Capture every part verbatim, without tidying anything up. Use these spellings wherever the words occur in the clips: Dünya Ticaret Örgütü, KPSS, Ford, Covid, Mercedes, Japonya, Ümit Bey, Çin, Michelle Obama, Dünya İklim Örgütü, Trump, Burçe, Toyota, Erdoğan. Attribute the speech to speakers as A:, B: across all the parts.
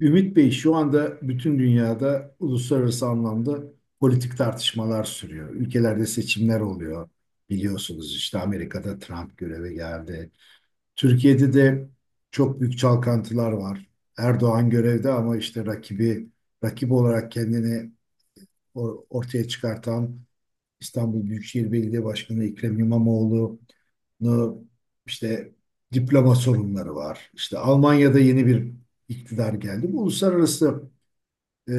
A: Ümit Bey şu anda bütün dünyada uluslararası anlamda politik tartışmalar sürüyor. Ülkelerde seçimler oluyor. Biliyorsunuz işte Amerika'da Trump göreve geldi. Türkiye'de de çok büyük çalkantılar var. Erdoğan görevde ama işte rakibi rakip olarak kendini or- ortaya çıkartan İstanbul Büyükşehir Belediye Başkanı Ekrem İmamoğlu'nu işte diploma sorunları var. İşte Almanya'da yeni bir iktidar geldi. Bu uluslararası e,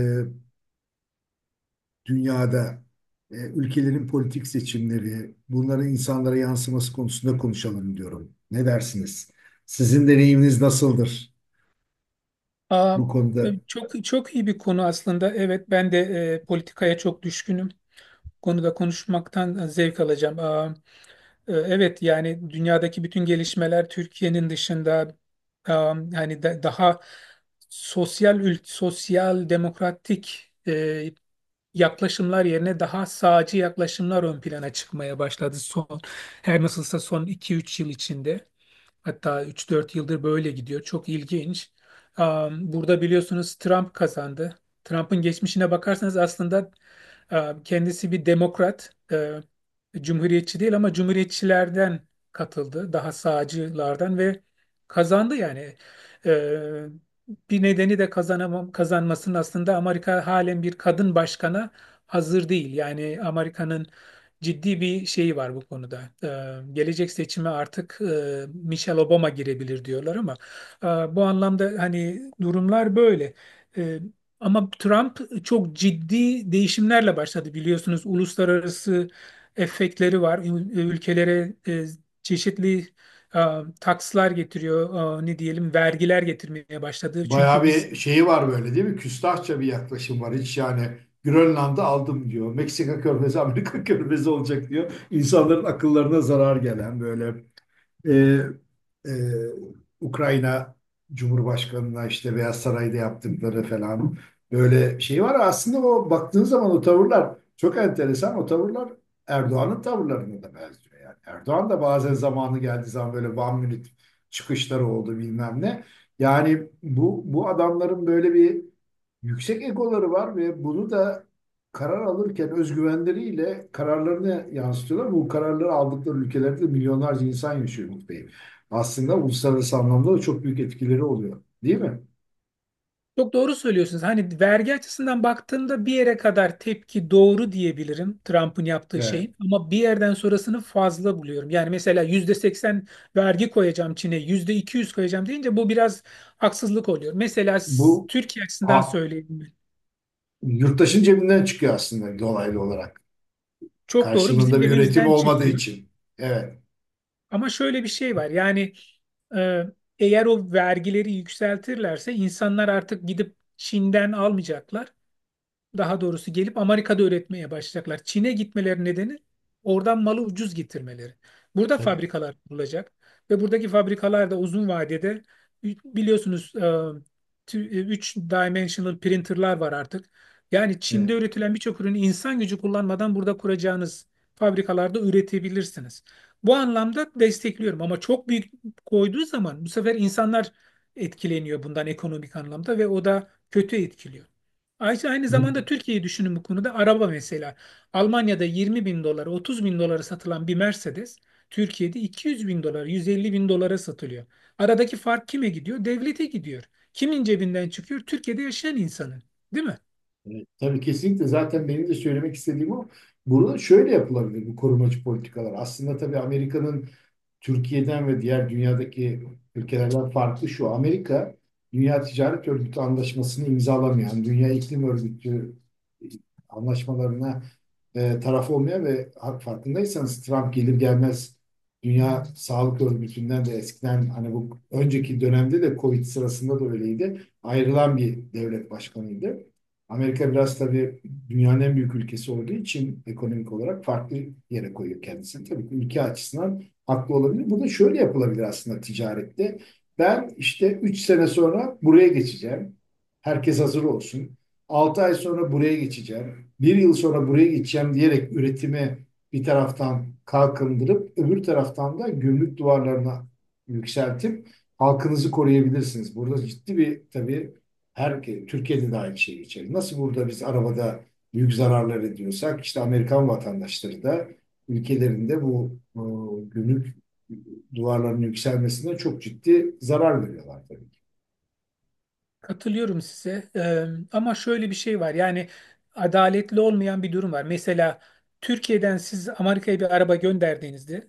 A: dünyada e, ülkelerin politik seçimleri, bunların insanlara yansıması konusunda konuşalım diyorum. Ne dersiniz? Sizin deneyiminiz nasıldır
B: Aa,
A: bu
B: e,
A: konuda?
B: Çok çok iyi bir konu aslında. Evet, ben de e, politikaya çok düşkünüm. Bu konuda konuşmaktan e, zevk alacağım. Aa, e, evet, yani dünyadaki bütün gelişmeler Türkiye'nin dışında, aa, hani da- daha sosyal ül- sosyal demokratik e, yaklaşımlar yerine daha sağcı yaklaşımlar ön plana çıkmaya başladı son her nasılsa son iki üç yıl içinde. Hatta üç dört yıldır böyle gidiyor. Çok ilginç. Am, Burada biliyorsunuz Trump kazandı. Trump'ın geçmişine bakarsanız aslında am, kendisi bir demokrat, e, cumhuriyetçi değil ama cumhuriyetçilerden katıldı. Daha sağcılardan ve kazandı yani. E, Bir nedeni de kazanamam, kazanmasının, aslında Amerika halen bir kadın başkana hazır değil. Yani Amerika'nın ciddi bir şey var bu konuda. Ee, gelecek seçime artık e, Michelle Obama girebilir diyorlar ama e, bu anlamda hani durumlar böyle. E, Ama Trump çok ciddi değişimlerle başladı, biliyorsunuz. Uluslararası efektleri var. Ül- Ülkelere e, çeşitli e, takslar getiriyor. E, ne diyelim, vergiler getirmeye başladı.
A: Bayağı
B: Çünkü biz.
A: bir şeyi var böyle değil mi? Küstahça bir yaklaşım var. Hiç yani Grönland'ı aldım diyor. Meksika körfezi, Amerika körfezi olacak diyor. İnsanların akıllarına zarar gelen böyle. Ee, e, Ukrayna Cumhurbaşkanı'na işte Beyaz Saray'da yaptıkları falan böyle şey var. Aslında o baktığın zaman o tavırlar çok enteresan. O tavırlar Erdoğan'ın tavırlarına da benziyor. Yani Erdoğan da bazen zamanı geldiği zaman böyle one minute çıkışları oldu bilmem ne. Yani bu, bu adamların böyle bir yüksek egoları var ve bunu da karar alırken özgüvenleriyle kararlarını yansıtıyorlar. Bu kararları aldıkları ülkelerde de milyonlarca insan yaşıyor Umut Bey. Aslında uluslararası anlamda da çok büyük etkileri oluyor. Değil mi?
B: Çok doğru söylüyorsunuz. Hani vergi açısından baktığımda bir yere kadar tepki doğru diyebilirim Trump'ın yaptığı
A: Ve
B: şeyin. Ama bir yerden sonrasını fazla buluyorum. Yani mesela yüzde seksen vergi koyacağım Çin'e, yüzde iki yüz koyacağım deyince bu biraz haksızlık oluyor. Mesela s-
A: bu
B: Türkiye açısından
A: ha,
B: söyleyeyim ben.
A: yurttaşın cebinden çıkıyor aslında dolaylı olarak.
B: Çok doğru, bizim
A: Karşılığında bir üretim
B: cebimizden
A: olmadığı
B: çıkıyor.
A: için. Evet,
B: Ama şöyle bir şey var. Yani e, eğer o vergileri yükseltirlerse insanlar artık gidip Çin'den almayacaklar, daha doğrusu gelip Amerika'da üretmeye başlayacaklar. Çin'e gitmeleri nedeni oradan malı ucuz getirmeleri. Burada
A: tabii.
B: fabrikalar kurulacak ve buradaki fabrikalar da uzun vadede biliyorsunuz üç dimensional printerlar var artık. Yani
A: Evet.
B: Çin'de üretilen birçok ürünü insan gücü kullanmadan burada kuracağınız fabrikalarda üretebilirsiniz. Bu anlamda destekliyorum, ama çok büyük koyduğu zaman bu sefer insanlar etkileniyor bundan ekonomik anlamda ve o da kötü etkiliyor. Ayşe aynı zamanda Türkiye'yi düşünün bu konuda. Araba mesela. Almanya'da 20 bin dolara, 30 bin dolara satılan bir Mercedes, Türkiye'de 200 bin dolar, 150 bin dolara satılıyor. Aradaki fark kime gidiyor? Devlete gidiyor. Kimin cebinden çıkıyor? Türkiye'de yaşayan insanın. Değil mi?
A: Evet, tabii kesinlikle zaten benim de söylemek istediğim o. Burada şöyle yapılabilir bu korumacı politikalar. Aslında tabii Amerika'nın Türkiye'den ve diğer dünyadaki ülkelerden farklı şu. Amerika Dünya Ticaret Örgütü anlaşmasını imzalamayan, Dünya İklim Örgütü anlaşmalarına e, taraf olmayan ve ha- farkındaysanız Trump gelir gelmez Dünya Sağlık Örgütü'nden de eskiden hani bu önceki dönemde de Covid sırasında da öyleydi. Ayrılan bir devlet başkanıydı. Amerika biraz tabii dünyanın en büyük ülkesi olduğu için ekonomik olarak farklı yere koyuyor kendisini. Tabii ki ülke açısından haklı olabilir. Bu da şöyle yapılabilir aslında ticarette. Ben işte üç sene sonra buraya geçeceğim. Herkes hazır olsun. Altı ay sonra buraya geçeceğim. Bir yıl sonra buraya geçeceğim diyerek üretimi bir taraftan kalkındırıp öbür taraftan da gümrük duvarlarına yükseltip halkınızı koruyabilirsiniz. Burada ciddi bir tabii her Türkiye'de de aynı şey geçerli. Nasıl burada biz arabada büyük zararlar ediyorsak işte Amerikan vatandaşları da ülkelerinde bu e, gümrük duvarlarının yükselmesine çok ciddi zarar veriyorlar tabii ki.
B: Katılıyorum size. Ee, ama şöyle bir şey var. Yani adaletli olmayan bir durum var. Mesela Türkiye'den siz Amerika'ya bir araba gönderdiğinizde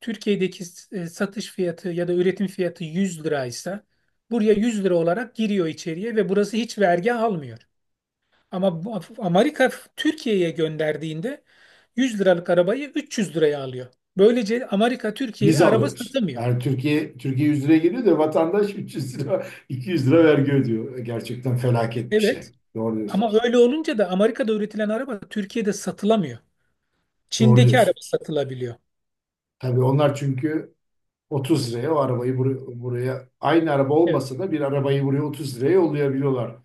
B: Türkiye'deki e, satış fiyatı ya da üretim fiyatı yüz liraysa, buraya yüz lira olarak giriyor içeriye ve burası hiç vergi almıyor. Ama bu- Amerika Türkiye'ye gönderdiğinde yüz liralık arabayı üç yüz liraya alıyor. Böylece Amerika Türkiye'ye
A: Biz
B: araba
A: alıyoruz.
B: satamıyor.
A: Yani Türkiye Türkiye yüz liraya geliyor da vatandaş üç yüz lira iki yüz lira vergi ödüyor. Gerçekten felaket bir şey.
B: Evet,
A: Doğru
B: ama
A: diyorsunuz.
B: öyle olunca da Amerika'da üretilen araba Türkiye'de satılamıyor.
A: Doğru
B: Çin'deki araba
A: diyorsunuz.
B: satılabiliyor.
A: Tabii onlar çünkü otuz liraya o arabayı bur- buraya aynı araba
B: Evet,
A: olmasa da bir arabayı buraya otuz liraya yollayabiliyorlar.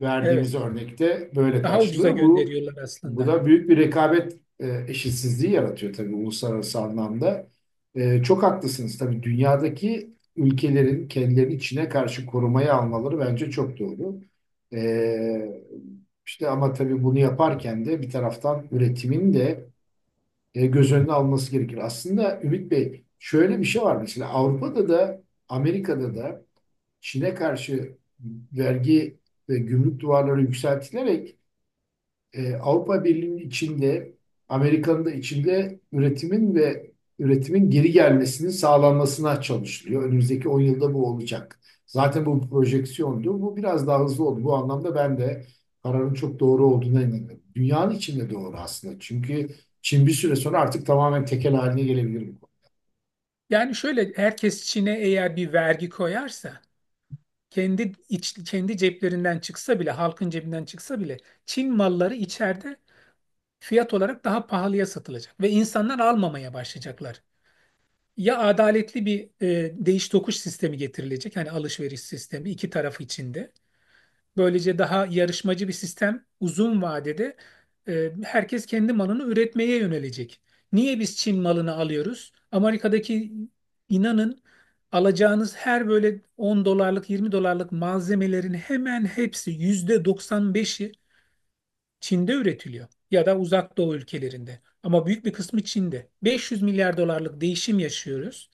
A: Verdiğimiz
B: evet.
A: örnekte böyle
B: Daha ucuza
A: karşılığı. Bu
B: gönderiyorlar
A: bu
B: aslında.
A: da büyük bir rekabet e, eşitsizliği yaratıyor tabii uluslararası anlamda. E, çok haklısınız tabii dünyadaki ülkelerin kendilerini içine karşı korumaya almaları bence çok doğru. E, işte ama tabii bunu yaparken de bir taraftan üretimin de e, göz önüne alması gerekir. Aslında Ümit Bey şöyle bir şey var mesela Avrupa'da da Amerika'da da Çin'e karşı vergi ve gümrük duvarları yükseltilerek e, Avrupa Birliği'nin içinde, Amerika'nın da içinde üretimin ve üretimin geri gelmesinin sağlanmasına çalışılıyor. Önümüzdeki on yılda bu olacak. Zaten bu projeksiyondu. Bu biraz daha hızlı oldu. Bu anlamda ben de kararın çok doğru olduğuna inanıyorum. Dünyanın içinde doğru aslında. Çünkü Çin bir süre sonra artık tamamen tekel haline gelebilir.
B: Yani şöyle, herkes Çin'e eğer bir vergi koyarsa kendi iç, kendi ceplerinden çıksa bile, halkın cebinden çıksa bile Çin malları içeride fiyat olarak daha pahalıya satılacak ve insanlar almamaya başlayacaklar. Ya adaletli bir e, değiş tokuş sistemi getirilecek, hani alışveriş sistemi iki taraf içinde. Böylece daha yarışmacı bir sistem uzun vadede, e, herkes kendi malını üretmeye yönelecek. Niye biz Çin malını alıyoruz? Amerika'daki, inanın, alacağınız her böyle on dolarlık yirmi dolarlık malzemelerin hemen hepsi, yüzde doksan beşi Çin'de üretiliyor ya da Uzak Doğu ülkelerinde. Ama büyük bir kısmı Çin'de. beş yüz milyar dolarlık değişim yaşıyoruz.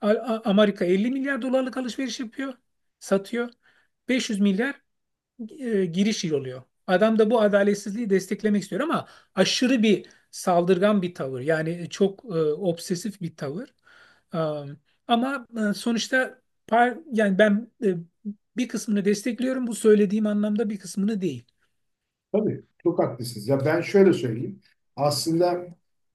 B: A- A- Amerika elli milyar dolarlık alışveriş yapıyor, satıyor. beş yüz milyar e, giriş oluyor. Adam da bu adaletsizliği desteklemek istiyor ama aşırı bir saldırgan bir tavır. Yani çok e, obsesif bir tavır. Am, Ama e, sonuçta par yani ben, e, bir kısmını destekliyorum. Bu söylediğim anlamda bir kısmını değil.
A: Tabii çok haklısınız. Ya ben şöyle söyleyeyim. Aslında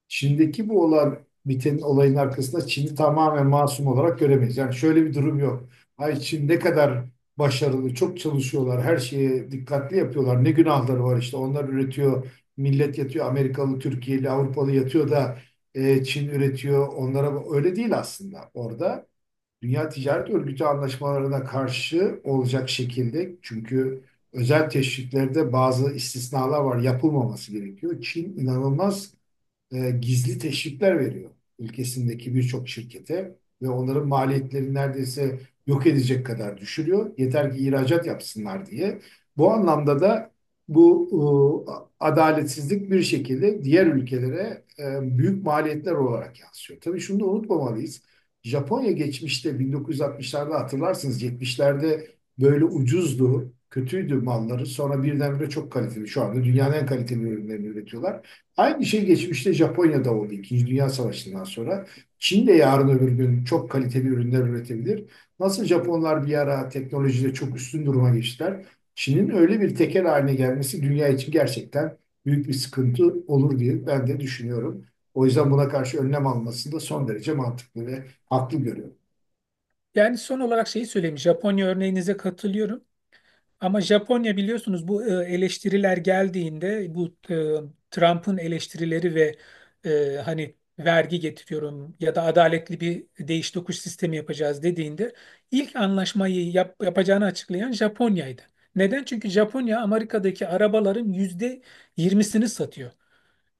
A: Çin'deki bu olan bitenin olayın arkasında Çin'i tamamen masum olarak göremeyiz. Yani şöyle bir durum yok. Ay Çin ne kadar başarılı, çok çalışıyorlar, her şeye dikkatli yapıyorlar. Ne günahları var işte. Onlar üretiyor, millet yatıyor. Amerikalı, Türkiye'li, Avrupalı yatıyor da e, Çin üretiyor. Onlara öyle değil aslında orada. Dünya Ticaret Örgütü anlaşmalarına karşı olacak şekilde çünkü özel teşviklerde bazı istisnalar var yapılmaması gerekiyor. Çin inanılmaz e, gizli teşvikler veriyor ülkesindeki birçok şirkete ve onların maliyetlerini neredeyse yok edecek kadar düşürüyor. Yeter ki ihracat yapsınlar diye. Bu anlamda da bu e, adaletsizlik bir şekilde diğer ülkelere e, büyük maliyetler olarak yansıyor. Tabii şunu da unutmamalıyız. Japonya geçmişte bin dokuz yüz altmışlarda hatırlarsınız yetmişlerde böyle ucuzdu, kötüydü malları. Sonra birdenbire çok kaliteli. Şu anda dünyanın en kaliteli ürünlerini üretiyorlar. Aynı şey geçmişte Japonya'da oldu. İkinci Dünya Savaşı'ndan sonra. Çin de yarın öbür gün çok kaliteli ürünler üretebilir. Nasıl Japonlar bir ara teknolojide çok üstün duruma geçtiler. Çin'in öyle bir tekel haline gelmesi dünya için gerçekten büyük bir sıkıntı olur diye ben de düşünüyorum. O yüzden buna karşı önlem alması da son derece mantıklı ve haklı görüyorum.
B: Yani son olarak şeyi söyleyeyim. Japonya örneğinize katılıyorum. Ama Japonya biliyorsunuz, bu e, eleştiriler geldiğinde, bu e, Trump'ın eleştirileri ve e, hani vergi getiriyorum ya da adaletli bir değiş tokuş sistemi yapacağız dediğinde, ilk anlaşmayı yap- yapacağını açıklayan Japonya'ydı. Neden? Çünkü Japonya Amerika'daki arabaların yüzde yirmisini satıyor.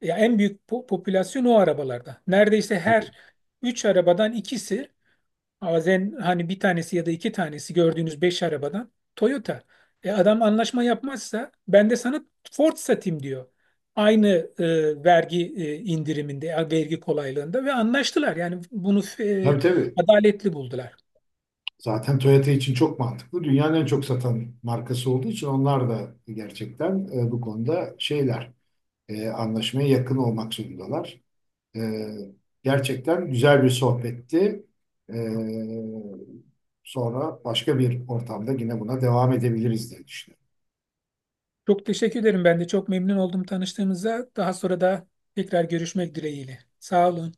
B: Ya en büyük po- popülasyon o arabalarda. Neredeyse her
A: Tabii.
B: üç arabadan ikisi. Bazen hani bir tanesi ya da iki tanesi, gördüğünüz beş arabadan Toyota. E adam anlaşma yapmazsa ben de sana Ford satayım diyor. Aynı e, vergi e, indiriminde, e, vergi kolaylığında ve anlaştılar. Yani bunu e,
A: Tabii tabii.
B: adaletli buldular.
A: Zaten Toyota için çok mantıklı. Dünyanın en çok satan markası olduğu için onlar da gerçekten e, bu konuda şeyler e, anlaşmaya yakın olmak zorundalar. E, gerçekten güzel bir sohbetti. E, sonra başka bir ortamda yine buna devam edebiliriz diye düşünüyorum.
B: Çok teşekkür ederim. Ben de çok memnun oldum tanıştığımıza. Daha sonra da tekrar görüşmek dileğiyle. Sağ olun.